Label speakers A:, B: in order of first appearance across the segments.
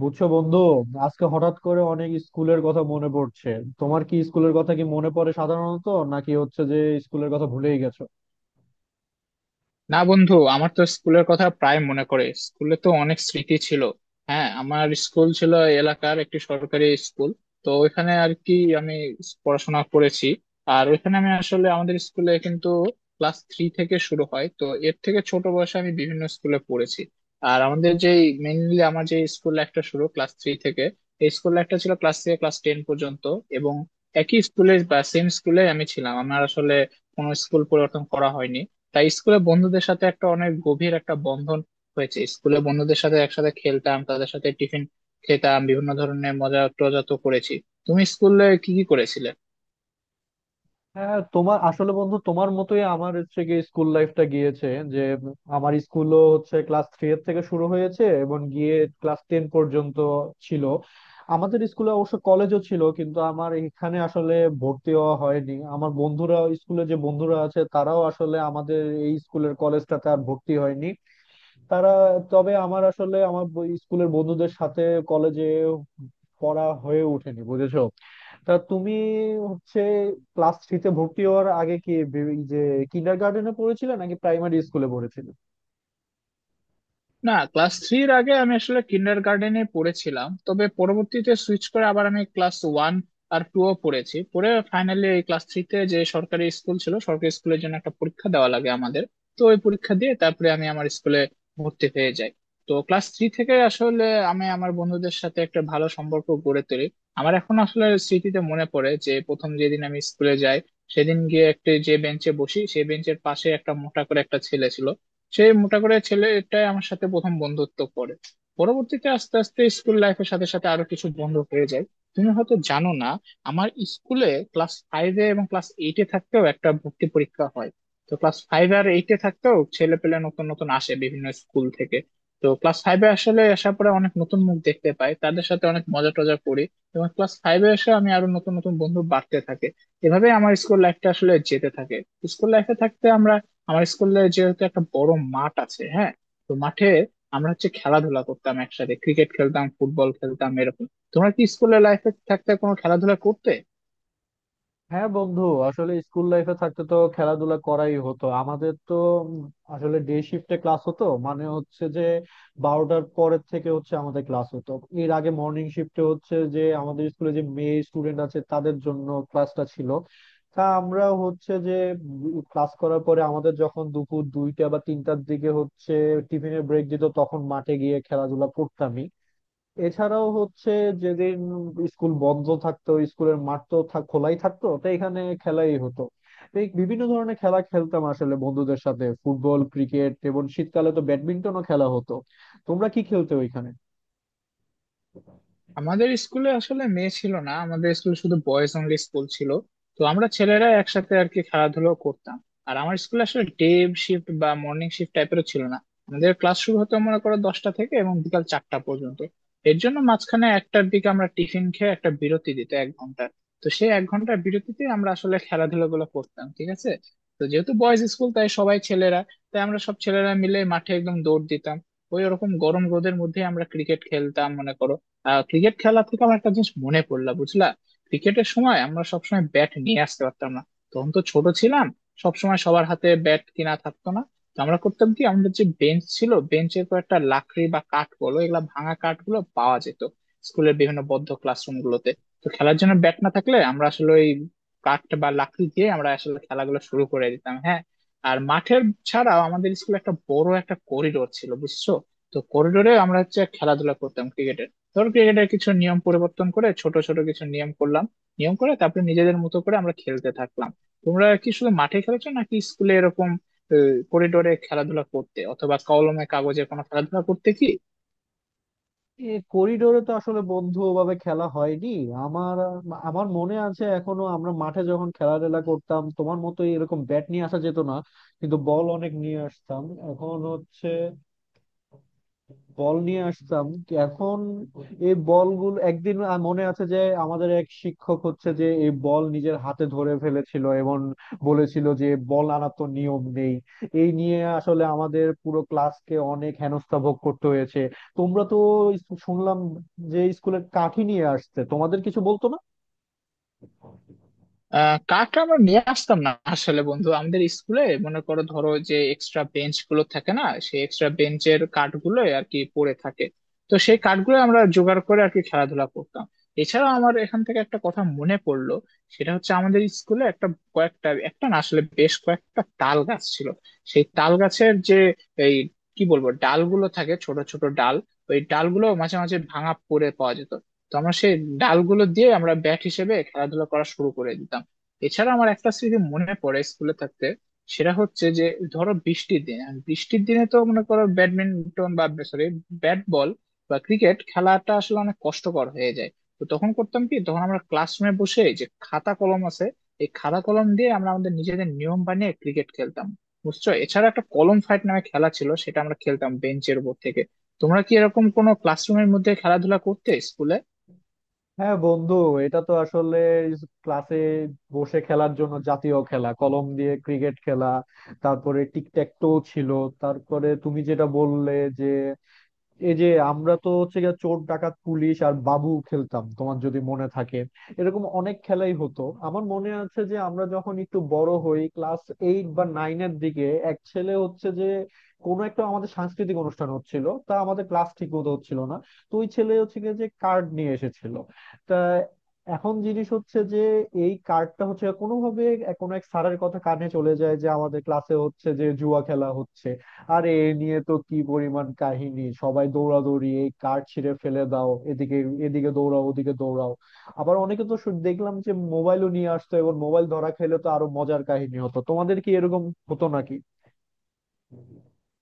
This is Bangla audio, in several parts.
A: বুঝছো বন্ধু, আজকে হঠাৎ করে অনেক স্কুলের কথা মনে পড়ছে। তোমার কি স্কুলের কথা কি মনে পড়ে সাধারণত, নাকি হচ্ছে যে স্কুলের কথা ভুলেই গেছো?
B: না, বন্ধু, আমার তো স্কুলের কথা প্রায় মনে পড়ে। স্কুলে তো অনেক স্মৃতি ছিল। হ্যাঁ, আমার স্কুল ছিল এলাকার একটি সরকারি স্কুল। তো ওইখানে আর কি আমি পড়াশোনা করেছি। আর ওইখানে আমি আসলে আমাদের স্কুলে কিন্তু ক্লাস থ্রি থেকে শুরু হয়, তো এর থেকে ছোট বয়সে আমি বিভিন্ন স্কুলে পড়েছি। আর আমাদের যে মেইনলি আমার যে স্কুল লাইফটা শুরু ক্লাস থ্রি থেকে, এই স্কুল লাইফটা ছিল ক্লাস থেকে ক্লাস টেন পর্যন্ত। এবং একই স্কুলে বা সেম স্কুলে আমি ছিলাম, আমার আসলে কোনো স্কুল পরিবর্তন করা হয়নি। তাই স্কুলে বন্ধুদের সাথে একটা অনেক গভীর একটা বন্ধন হয়েছে। স্কুলে বন্ধুদের সাথে একসাথে খেলতাম, তাদের সাথে টিফিন খেতাম, বিভিন্ন ধরনের মজা টজা তো করেছি। তুমি স্কুলে কি কি করেছিলে?
A: হ্যাঁ, তোমার আসলে বন্ধু তোমার মতোই আমার হচ্ছে গিয়ে স্কুল লাইফটা গিয়েছে যে আমার স্কুলও হচ্ছে ক্লাস থ্রি এর থেকে শুরু হয়েছে এবং গিয়ে ক্লাস টেন পর্যন্ত ছিল। আমাদের স্কুলে অবশ্য কলেজও ছিল কিন্তু আমার এখানে আসলে ভর্তি হওয়া হয়নি। আমার বন্ধুরা স্কুলে যে বন্ধুরা আছে তারাও আসলে আমাদের এই স্কুলের কলেজটাতে আর ভর্তি হয়নি তারা। তবে আমার আসলে আমার স্কুলের বন্ধুদের সাথে কলেজে পড়া হয়ে ওঠেনি বুঝেছো। তা তুমি হচ্ছে ক্লাস থ্রিতে ভর্তি হওয়ার আগে কি যে কিন্ডার গার্ডেনে পড়েছিলে নাকি প্রাইমারি স্কুলে পড়েছিলে?
B: না, ক্লাস থ্রির আগে আমি আসলে কিন্ডার গার্ডেনে পড়েছিলাম, তবে পরবর্তীতে সুইচ করে আবার আমি ক্লাস ওয়ান আর টু ও পড়েছি। পরে ফাইনালি এই ক্লাস থ্রিতে যে সরকারি স্কুল ছিল, সরকারি স্কুলের জন্য একটা পরীক্ষা দেওয়া লাগে আমাদের। তো ওই পরীক্ষা দিয়ে তারপরে আমি আমার স্কুলে ভর্তি হয়ে যাই। তো ক্লাস থ্রি থেকে আসলে আমি আমার বন্ধুদের সাথে একটা ভালো সম্পর্ক গড়ে তুলি। আমার এখন আসলে স্মৃতিতে মনে পড়ে যে প্রথম যেদিন আমি স্কুলে যাই, সেদিন গিয়ে একটা যে বেঞ্চে বসি, সেই বেঞ্চের পাশে একটা মোটা করে একটা ছেলে ছিল। সে মোটা করে ছেলেটাই আমার সাথে প্রথম বন্ধুত্ব করে। পরবর্তীতে আস্তে আস্তে স্কুল লাইফের সাথে সাথে আরো কিছু বন্ধু হয়ে যায়। তুমি হয়তো জানো না, আমার স্কুলে ক্লাস ফাইভে এবং ক্লাস এইটে থাকতেও একটা ভর্তি পরীক্ষা হয়। তো ক্লাস ফাইভ আর এইটে থাকতেও ছেলে পেলে নতুন নতুন আসে বিভিন্ন স্কুল থেকে। তো ক্লাস ফাইভে আসলে আসার পরে অনেক নতুন মুখ দেখতে পাই, তাদের সাথে অনেক মজা টজা করি। এবং ক্লাস ফাইভে এসে আমি আরো নতুন নতুন বন্ধু বাড়তে থাকে। এভাবে আমার স্কুল লাইফটা আসলে যেতে থাকে। স্কুল লাইফে থাকতে আমরা, আমার স্কুলে যেহেতু একটা বড় মাঠ আছে, হ্যাঁ, তো মাঠে আমরা হচ্ছে খেলাধুলা করতাম একসাথে, ক্রিকেট খেলতাম, ফুটবল খেলতাম এরকম। তোমরা কি স্কুলের লাইফে থাকতে কোনো খেলাধুলা করতে?
A: হ্যাঁ বন্ধু, আসলে স্কুল লাইফে থাকতে তো খেলাধুলা করাই হতো আমাদের তো। উম আসলে ডে শিফটে ক্লাস হতো, মানে হচ্ছে যে 12টার পরের থেকে হচ্ছে আমাদের ক্লাস হতো। এর আগে মর্নিং শিফটে হচ্ছে যে আমাদের স্কুলে যে মেয়ে স্টুডেন্ট আছে তাদের জন্য ক্লাসটা ছিল। তা আমরা হচ্ছে যে ক্লাস করার পরে আমাদের যখন দুপুর 2টা বা 3টার দিকে হচ্ছে টিফিনের ব্রেক দিত তখন মাঠে গিয়ে খেলাধুলা করতামই। এছাড়াও হচ্ছে যেদিন স্কুল বন্ধ থাকতো স্কুলের মাঠ তো খোলাই থাকতো তো এখানে খেলাই হতো। তো এই বিভিন্ন ধরনের খেলা খেলতাম আসলে বন্ধুদের সাথে ফুটবল, ক্রিকেট, এবং শীতকালে তো ব্যাডমিন্টনও খেলা হতো। তোমরা কি খেলতে ওইখানে?
B: আমাদের স্কুলে আসলে মেয়ে ছিল না, আমাদের স্কুলে শুধু বয়েজ অনলি স্কুল ছিল। তো আমরা ছেলেরা একসাথে আর কি খেলাধুলো করতাম। আর আমার স্কুলে আসলে ডে শিফট বা মর্নিং শিফট টাইপেরও ছিল না। আমাদের ক্লাস শুরু হতো মনে করো 10টা থেকে এবং বিকাল 4টা পর্যন্ত। এর জন্য মাঝখানে 1টার দিকে আমরা টিফিন খেয়ে একটা বিরতি দিত 1 ঘন্টা। তো সেই 1 ঘন্টার বিরতিতে আমরা আসলে খেলাধুলা গুলো করতাম, ঠিক আছে। তো যেহেতু বয়েজ স্কুল তাই সবাই ছেলেরা, তাই আমরা সব ছেলেরা মিলে মাঠে একদম দৌড় দিতাম। ওই ওরকম গরম রোদের মধ্যে আমরা ক্রিকেট খেলতাম মনে করো। ক্রিকেট খেলা থেকে আমার একটা জিনিস মনে পড়লো বুঝলা। ক্রিকেটের সময় আমরা সবসময় ব্যাট নিয়ে আসতে পারতাম না। তখন তো ছোট ছিলাম, সবসময় সবার হাতে ব্যাট কিনা থাকতো না। তো আমরা করতাম কি, আমাদের যে বেঞ্চ ছিল, বেঞ্চের কয়েকটা লাকড়ি বা কাঠ বলো, এগুলা ভাঙা কাঠ গুলো পাওয়া যেত স্কুলের বিভিন্ন বদ্ধ ক্লাসরুম গুলোতে। তো খেলার জন্য ব্যাট না থাকলে আমরা আসলে ওই কাঠ বা লাকড়ি দিয়ে আমরা আসলে খেলাগুলো শুরু করে দিতাম, হ্যাঁ। আর মাঠের ছাড়াও আমাদের স্কুলে একটা বড় একটা করিডোর ছিল বুঝছো। তো করিডোরে আমরা হচ্ছে খেলাধুলা করতাম ক্রিকেট। ধর, ক্রিকেটের কিছু নিয়ম পরিবর্তন করে ছোট ছোট কিছু নিয়ম করলাম, নিয়ম করে তারপরে নিজেদের মতো করে আমরা খেলতে থাকলাম। তোমরা কি শুধু মাঠে খেলেছো নাকি স্কুলে এরকম করিডোরে খেলাধুলা করতে, অথবা কলমে কাগজে কোনো খেলাধুলা করতে কি?
A: এই করিডোরে তো আসলে বন্ধু ওভাবে খেলা হয়নি আমার। আমার মনে আছে এখনো আমরা মাঠে যখন খেলাধুলা করতাম তোমার মতো এরকম ব্যাট নিয়ে আসা যেত না কিন্তু বল অনেক নিয়ে আসতাম। এখন হচ্ছে বল নিয়ে আসতাম কি এখন, এই বলগুলো একদিন মনে আছে যে আমাদের এক শিক্ষক হচ্ছে যে এই বল নিজের হাতে ধরে ফেলেছিল এবং বলেছিল যে বল আনা তো নিয়ম নেই। এই নিয়ে আসলে আমাদের পুরো ক্লাসকে অনেক হেনস্থা ভোগ করতে হয়েছে। তোমরা তো শুনলাম যে স্কুলের কাঠি নিয়ে আসছে তোমাদের কিছু বলতো না।
B: কাঠ আমরা নিয়ে আসতাম না আসলে বন্ধু, আমাদের স্কুলে মনে করো ধরো যে এক্সট্রা বেঞ্চ গুলো থাকে না, সেই এক্সট্রা বেঞ্চের কাঠ গুলো আর কি পড়ে থাকে। তো সেই কাঠগুলো আমরা জোগাড় করে আর কি খেলাধুলা করতাম। এছাড়া আমার এখান থেকে একটা কথা মনে পড়লো। সেটা হচ্ছে আমাদের স্কুলে একটা কয়েকটা একটা না, আসলে বেশ কয়েকটা তাল গাছ ছিল। সেই তাল গাছের যে এই কি বলবো ডালগুলো থাকে, ছোট ছোট ডাল, ওই ডালগুলো মাঝে মাঝে ভাঙা পড়ে পাওয়া যেত। তো আমরা সেই ডালগুলো দিয়ে আমরা ব্যাট হিসেবে খেলাধুলা করা শুরু করে দিতাম। এছাড়া আমার একটা স্মৃতি মনে পড়ে স্কুলে থাকতে। সেটা হচ্ছে যে ধরো বৃষ্টির দিন, আর বৃষ্টির দিনে তো মনে করো ব্যাডমিন্টন বা সরি, ব্যাট বল বা ক্রিকেট খেলাটা আসলে অনেক কষ্টকর হয়ে যায়। তো তখন করতাম কি, তখন আমরা ক্লাসরুমে বসে যে খাতা কলম আছে, এই খাতা কলম দিয়ে আমরা আমাদের নিজেদের নিয়ম বানিয়ে ক্রিকেট খেলতাম বুঝছো। এছাড়া একটা কলম ফাইট নামে খেলা ছিল, সেটা আমরা খেলতাম বেঞ্চের উপর থেকে। তোমরা কি এরকম কোনো ক্লাসরুমের মধ্যে খেলাধুলা করতে স্কুলে?
A: হ্যাঁ বন্ধু, এটা তো আসলে ক্লাসে বসে খেলার জন্য জাতীয় খেলা কলম দিয়ে ক্রিকেট খেলা, তারপরে টিক ট্যাক টো ছিল, তারপরে তুমি যেটা বললে যে এই যে আমরা তো হচ্ছে গিয়ে চোর ডাকাত পুলিশ আর বাবু খেলতাম তোমার যদি মনে থাকে। এরকম অনেক খেলাই হতো। আমার মনে আছে যে আমরা যখন একটু বড় হই ক্লাস এইট বা নাইন এর দিকে এক ছেলে হচ্ছে যে কোনো একটা আমাদের সাংস্কৃতিক অনুষ্ঠান হচ্ছিল তা আমাদের ক্লাস ঠিক মতো হচ্ছিল না। তো ওই ছেলে হচ্ছে গিয়ে যে কার্ড নিয়ে এসেছিল, তা এখন জিনিস হচ্ছে যে এই কার্ডটা হচ্ছে কোনোভাবে কোনো এক স্যারের কথা কানে চলে যায় যে আমাদের ক্লাসে হচ্ছে যে জুয়া খেলা হচ্ছে। আরে এ নিয়ে তো কি পরিমাণ কাহিনী, সবাই দৌড়াদৌড়ি, এই কার্ড ছিঁড়ে ফেলে দাও, এদিকে এদিকে দৌড়াও ওদিকে দৌড়াও। আবার অনেকে তো দেখলাম যে মোবাইলও নিয়ে আসতো এবং মোবাইল ধরা খেলে তো আরো মজার কাহিনী হতো। তোমাদের কি এরকম হতো নাকি?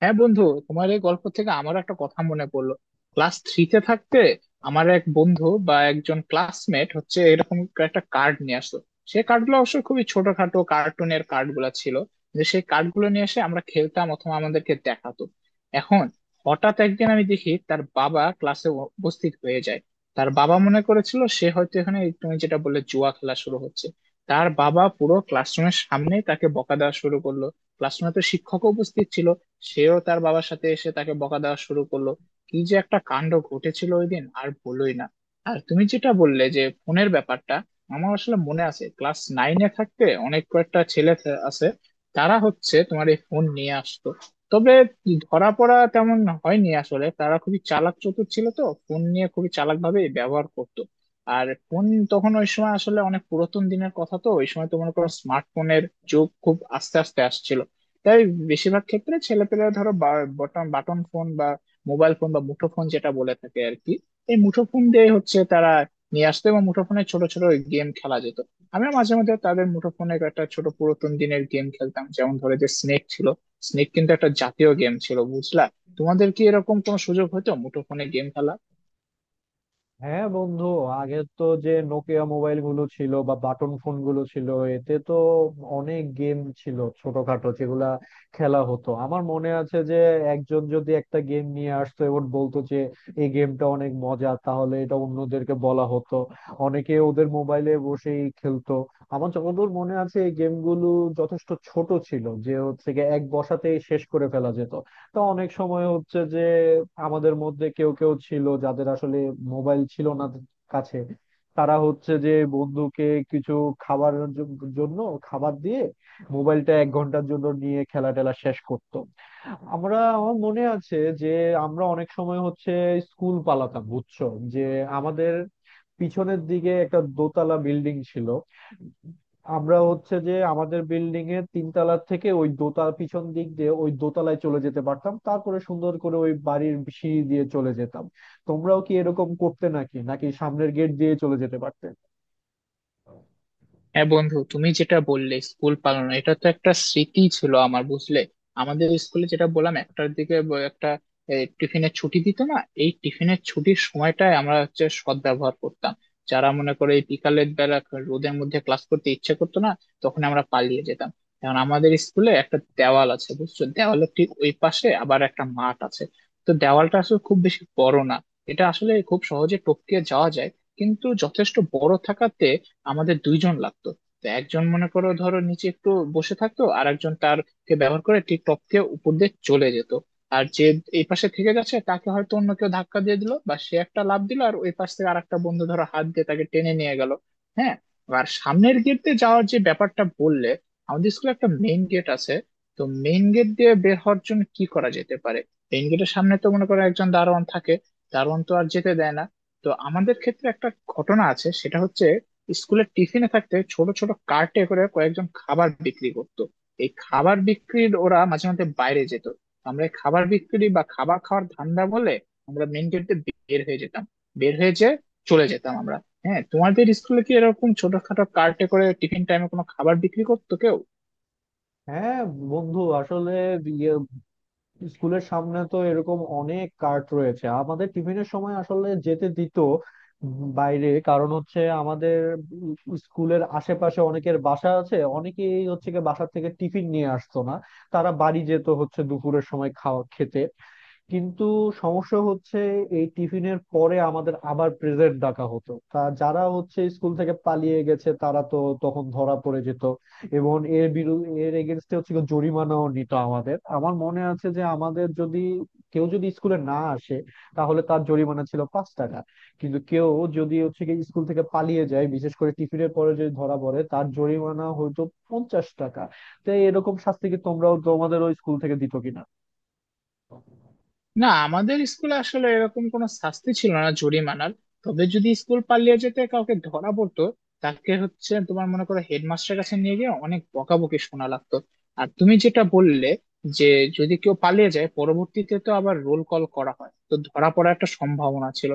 B: হ্যাঁ বন্ধু, তোমার এই গল্প থেকে আমারও একটা কথা মনে পড়লো। ক্লাস থ্রিতে থাকতে আমার এক বন্ধু বা একজন ক্লাসমেট হচ্ছে এরকম একটা কার্ড নিয়ে আসলো। সেই কার্ডগুলো অবশ্য খুবই ছোটখাটো কার্টুনের কার্ডগুলো ছিল। যে সেই কার্ডগুলো নিয়ে এসে আমরা খেলতাম অথবা আমাদেরকে দেখাতো। এখন হঠাৎ একদিন আমি দেখি তার বাবা ক্লাসে উপস্থিত হয়ে যায়। তার বাবা মনে করেছিল সে হয়তো এখানে এই তুমি যেটা বললে জুয়া খেলা শুরু হচ্ছে। তার বাবা পুরো ক্লাসরুমের সামনে তাকে বকা দেওয়া শুরু করলো। ক্লাসরুমে তো শিক্ষক উপস্থিত ছিল, সেও তার বাবার সাথে এসে তাকে বকা দেওয়া শুরু করলো। কি যে একটা কাণ্ড ঘটেছিল ওই দিন, আর বলোই না। আর তুমি যেটা বললে যে ফোনের ব্যাপারটা, আমার আসলে মনে আছে ক্লাস নাইনে থাকতে অনেক কয়েকটা ছেলে আছে। তারা হচ্ছে তোমার এই ফোন নিয়ে আসতো। তবে ধরা পড়া তেমন হয়নি, আসলে তারা খুবই চালাক চতুর ছিল, তো ফোন নিয়ে খুবই চালাক ভাবে ব্যবহার করতো। আর ফোন তখন, ওই সময় আসলে অনেক পুরাতন দিনের কথা, তো ওই সময় তো মনে করো স্মার্টফোনের যুগ খুব আস্তে আস্তে আসছিল। তাই বেশিরভাগ ক্ষেত্রে ছেলেপেলেরা ধরো বাটন ফোন বা মোবাইল ফোন বা মুঠো ফোন যেটা বলে থাকে আর কি, এই মুঠো ফোন দিয়ে হচ্ছে তারা নিয়ে আসতো এবং মুঠো ফোনে ছোট ছোট গেম খেলা যেত। আমরা মাঝে মধ্যে তাদের মুঠো ফোনে একটা ছোট পুরাতন দিনের গেম খেলতাম, যেমন ধরো যে স্নেক ছিল। স্নেক কিন্তু একটা জাতীয় গেম ছিল বুঝলা। তোমাদের কি এরকম কোনো সুযোগ হতো মুঠো ফোনে গেম খেলা?
A: হ্যাঁ বন্ধু, আগে তো যে নোকিয়া মোবাইল গুলো ছিল বা বাটন ফোন গুলো ছিল এতে তো অনেক গেম ছিল ছোটখাটো যেগুলা খেলা হতো। আমার মনে আছে যে একজন যদি একটা গেম নিয়ে আসতো এবং বলতো যে এই গেমটা অনেক মজা তাহলে এটা অন্যদেরকে বলা হতো, অনেকে ওদের মোবাইলে বসেই খেলতো। আমার যতদূর মনে আছে এই গেমগুলো যথেষ্ট ছোট ছিল যে হচ্ছে গিয়ে এক বসাতেই শেষ করে ফেলা যেত। তো অনেক সময় হচ্ছে যে আমাদের মধ্যে কেউ কেউ ছিল যাদের আসলে মোবাইল ছিল না কাছে, তারা হচ্ছে যে বন্ধুকে কিছু খাবারের জন্য খাবার দিয়ে মোবাইলটা 1 ঘন্টার জন্য নিয়ে খেলা টেলা শেষ করতো। আমরা আমার মনে আছে যে আমরা অনেক সময় হচ্ছে স্কুল পালাতাম বুঝছো, যে আমাদের পিছনের দিকে একটা দোতলা বিল্ডিং ছিল, আমরা হচ্ছে যে আমাদের বিল্ডিং এর তিনতলা থেকে ওই দোতলা পিছন দিক দিয়ে ওই দোতলায় চলে যেতে পারতাম তারপরে সুন্দর করে ওই বাড়ির সিঁড়ি দিয়ে চলে যেতাম। তোমরাও কি এরকম করতে নাকি নাকি সামনের গেট দিয়ে চলে যেতে পারতে?
B: হ্যাঁ বন্ধু, তুমি যেটা বললে স্কুল পালন, এটা তো একটা স্মৃতি ছিল আমার বুঝলে। আমাদের স্কুলে যেটা বললাম একটার দিকে একটা টিফিনের ছুটি দিত না। এই টিফিনের ছুটির সময়টায় আমরা হচ্ছে সদ্ব্যবহার করতাম। যারা মনে করে এই বিকালের বেলা রোদের মধ্যে ক্লাস করতে ইচ্ছে করতো না, তখন আমরা পালিয়ে যেতাম। কারণ আমাদের স্কুলে একটা দেওয়াল আছে বুঝছো, দেওয়ালের ঠিক ওই পাশে আবার একটা মাঠ আছে। তো দেওয়ালটা আসলে খুব বেশি বড় না, এটা আসলে খুব সহজে টপকে যাওয়া যায়। কিন্তু যথেষ্ট বড় থাকাতে আমাদের দুইজন লাগতো। তো একজন মনে করো ধরো নিচে একটু বসে থাকতো, আর একজন তারকে ব্যবহার করে টিকটক কে উপর দিয়ে চলে যেত। আর যে এই পাশে থেকে যাচ্ছে, তাকে হয়তো অন্য কেউ ধাক্কা দিয়ে দিল বা সে একটা লাফ দিল, আর ওই পাশ থেকে আরেকটা বন্ধু ধরো হাত দিয়ে তাকে টেনে নিয়ে গেল, হ্যাঁ। আর সামনের গেট দিয়ে যাওয়ার যে ব্যাপারটা বললে, আমাদের স্কুলে একটা মেইন গেট আছে। তো মেইন গেট দিয়ে বের হওয়ার জন্য কি করা যেতে পারে? মেইন গেটের সামনে তো মনে করো একজন দারোয়ান থাকে, দারোয়ান তো আর যেতে দেয় না। তো আমাদের ক্ষেত্রে একটা ঘটনা আছে, সেটা হচ্ছে স্কুলের টিফিনে থাকতে ছোট ছোট কার্টে করে কয়েকজন খাবার বিক্রি করতো। এই খাবার বিক্রির ওরা মাঝে মাঝে বাইরে যেত। আমরা এই খাবার বিক্রি বা খাবার খাওয়ার ধান্দা বলে আমরা মেন গেট দিয়ে বের হয়ে যেতাম। বের হয়ে যেয়ে চলে যেতাম আমরা। হ্যাঁ, তোমাদের স্কুলে কি এরকম ছোটখাটো কার্টে করে টিফিন টাইমে কোনো খাবার বিক্রি করতো কেউ?
A: হ্যাঁ বন্ধু, আসলে স্কুলের সামনে তো এরকম অনেক কার্ট রয়েছে। আমাদের টিফিনের সময় আসলে যেতে দিত বাইরে কারণ হচ্ছে আমাদের স্কুলের আশেপাশে অনেকের বাসা আছে, অনেকেই হচ্ছে গিয়ে বাসা থেকে টিফিন নিয়ে আসতো না, তারা বাড়ি যেত হচ্ছে দুপুরের সময় খাওয়া খেতে। কিন্তু সমস্যা হচ্ছে এই টিফিনের পরে আমাদের আবার প্রেজেন্ট ডাকা হতো তা যারা হচ্ছে স্কুল থেকে পালিয়ে গেছে তারা তো তখন ধরা পড়ে যেত। এবং এর বিরুদ্ধে এর এগেনস্টে হচ্ছে কি জরিমানাও নিত আমাদের। আমার মনে আছে যে আমাদের যদি কেউ যদি স্কুলে না আসে তাহলে তার জরিমানা ছিল 5 টাকা, কিন্তু কেউ যদি হচ্ছে কি স্কুল থেকে পালিয়ে যায় বিশেষ করে টিফিনের পরে যদি ধরা পড়ে তার জরিমানা হয়তো 50 টাকা। তো এরকম শাস্তি কি তোমরাও তোমাদের ওই স্কুল থেকে দিত কিনা?
B: না, আমাদের স্কুলে আসলে এরকম কোনো শাস্তি ছিল না জরিমানার। তবে যদি স্কুল পালিয়ে যেতে কাউকে ধরা পড়তো, তাকে হচ্ছে তোমার মনে করো হেডমাস্টারের কাছে নিয়ে গিয়ে অনেক বকাবকি শোনা লাগতো। আর তুমি যেটা বললে যে যদি কেউ পালিয়ে যায়, পরবর্তীতে তো আবার রোল কল করা হয়, তো ধরা পড়ার একটা সম্ভাবনা ছিল,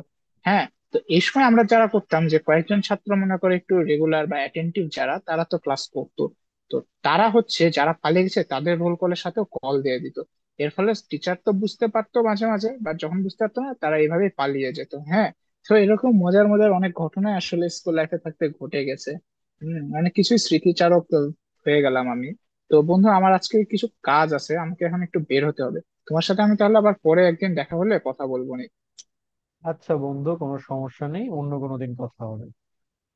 B: হ্যাঁ। তো এই সময় আমরা যারা করতাম যে কয়েকজন ছাত্র মনে করে একটু রেগুলার বা অ্যাটেন্টিভ যারা তারা তো ক্লাস করতো, তো তারা হচ্ছে যারা পালিয়ে গেছে তাদের রোল কলের সাথে কল দিয়ে দিত। এর ফলে টিচার তো বুঝতে পারতো মাঝে মাঝে, বা যখন বুঝতে পারতো না তারা এইভাবে পালিয়ে যেত, হ্যাঁ। তো এরকম মজার মজার অনেক ঘটনা আসলে স্কুল লাইফে থাকতে ঘটে গেছে। অনেক কিছুই স্মৃতিচারক হয়ে গেলাম আমি। তো বন্ধু, আমার আজকে কিছু কাজ আছে, আমাকে এখন একটু বের হতে হবে। তোমার সাথে আমি তাহলে আবার পরে একদিন দেখা হলে কথা বলবো নি।
A: আচ্ছা বন্ধু, কোনো সমস্যা নেই, অন্য কোনো দিন কথা হবে।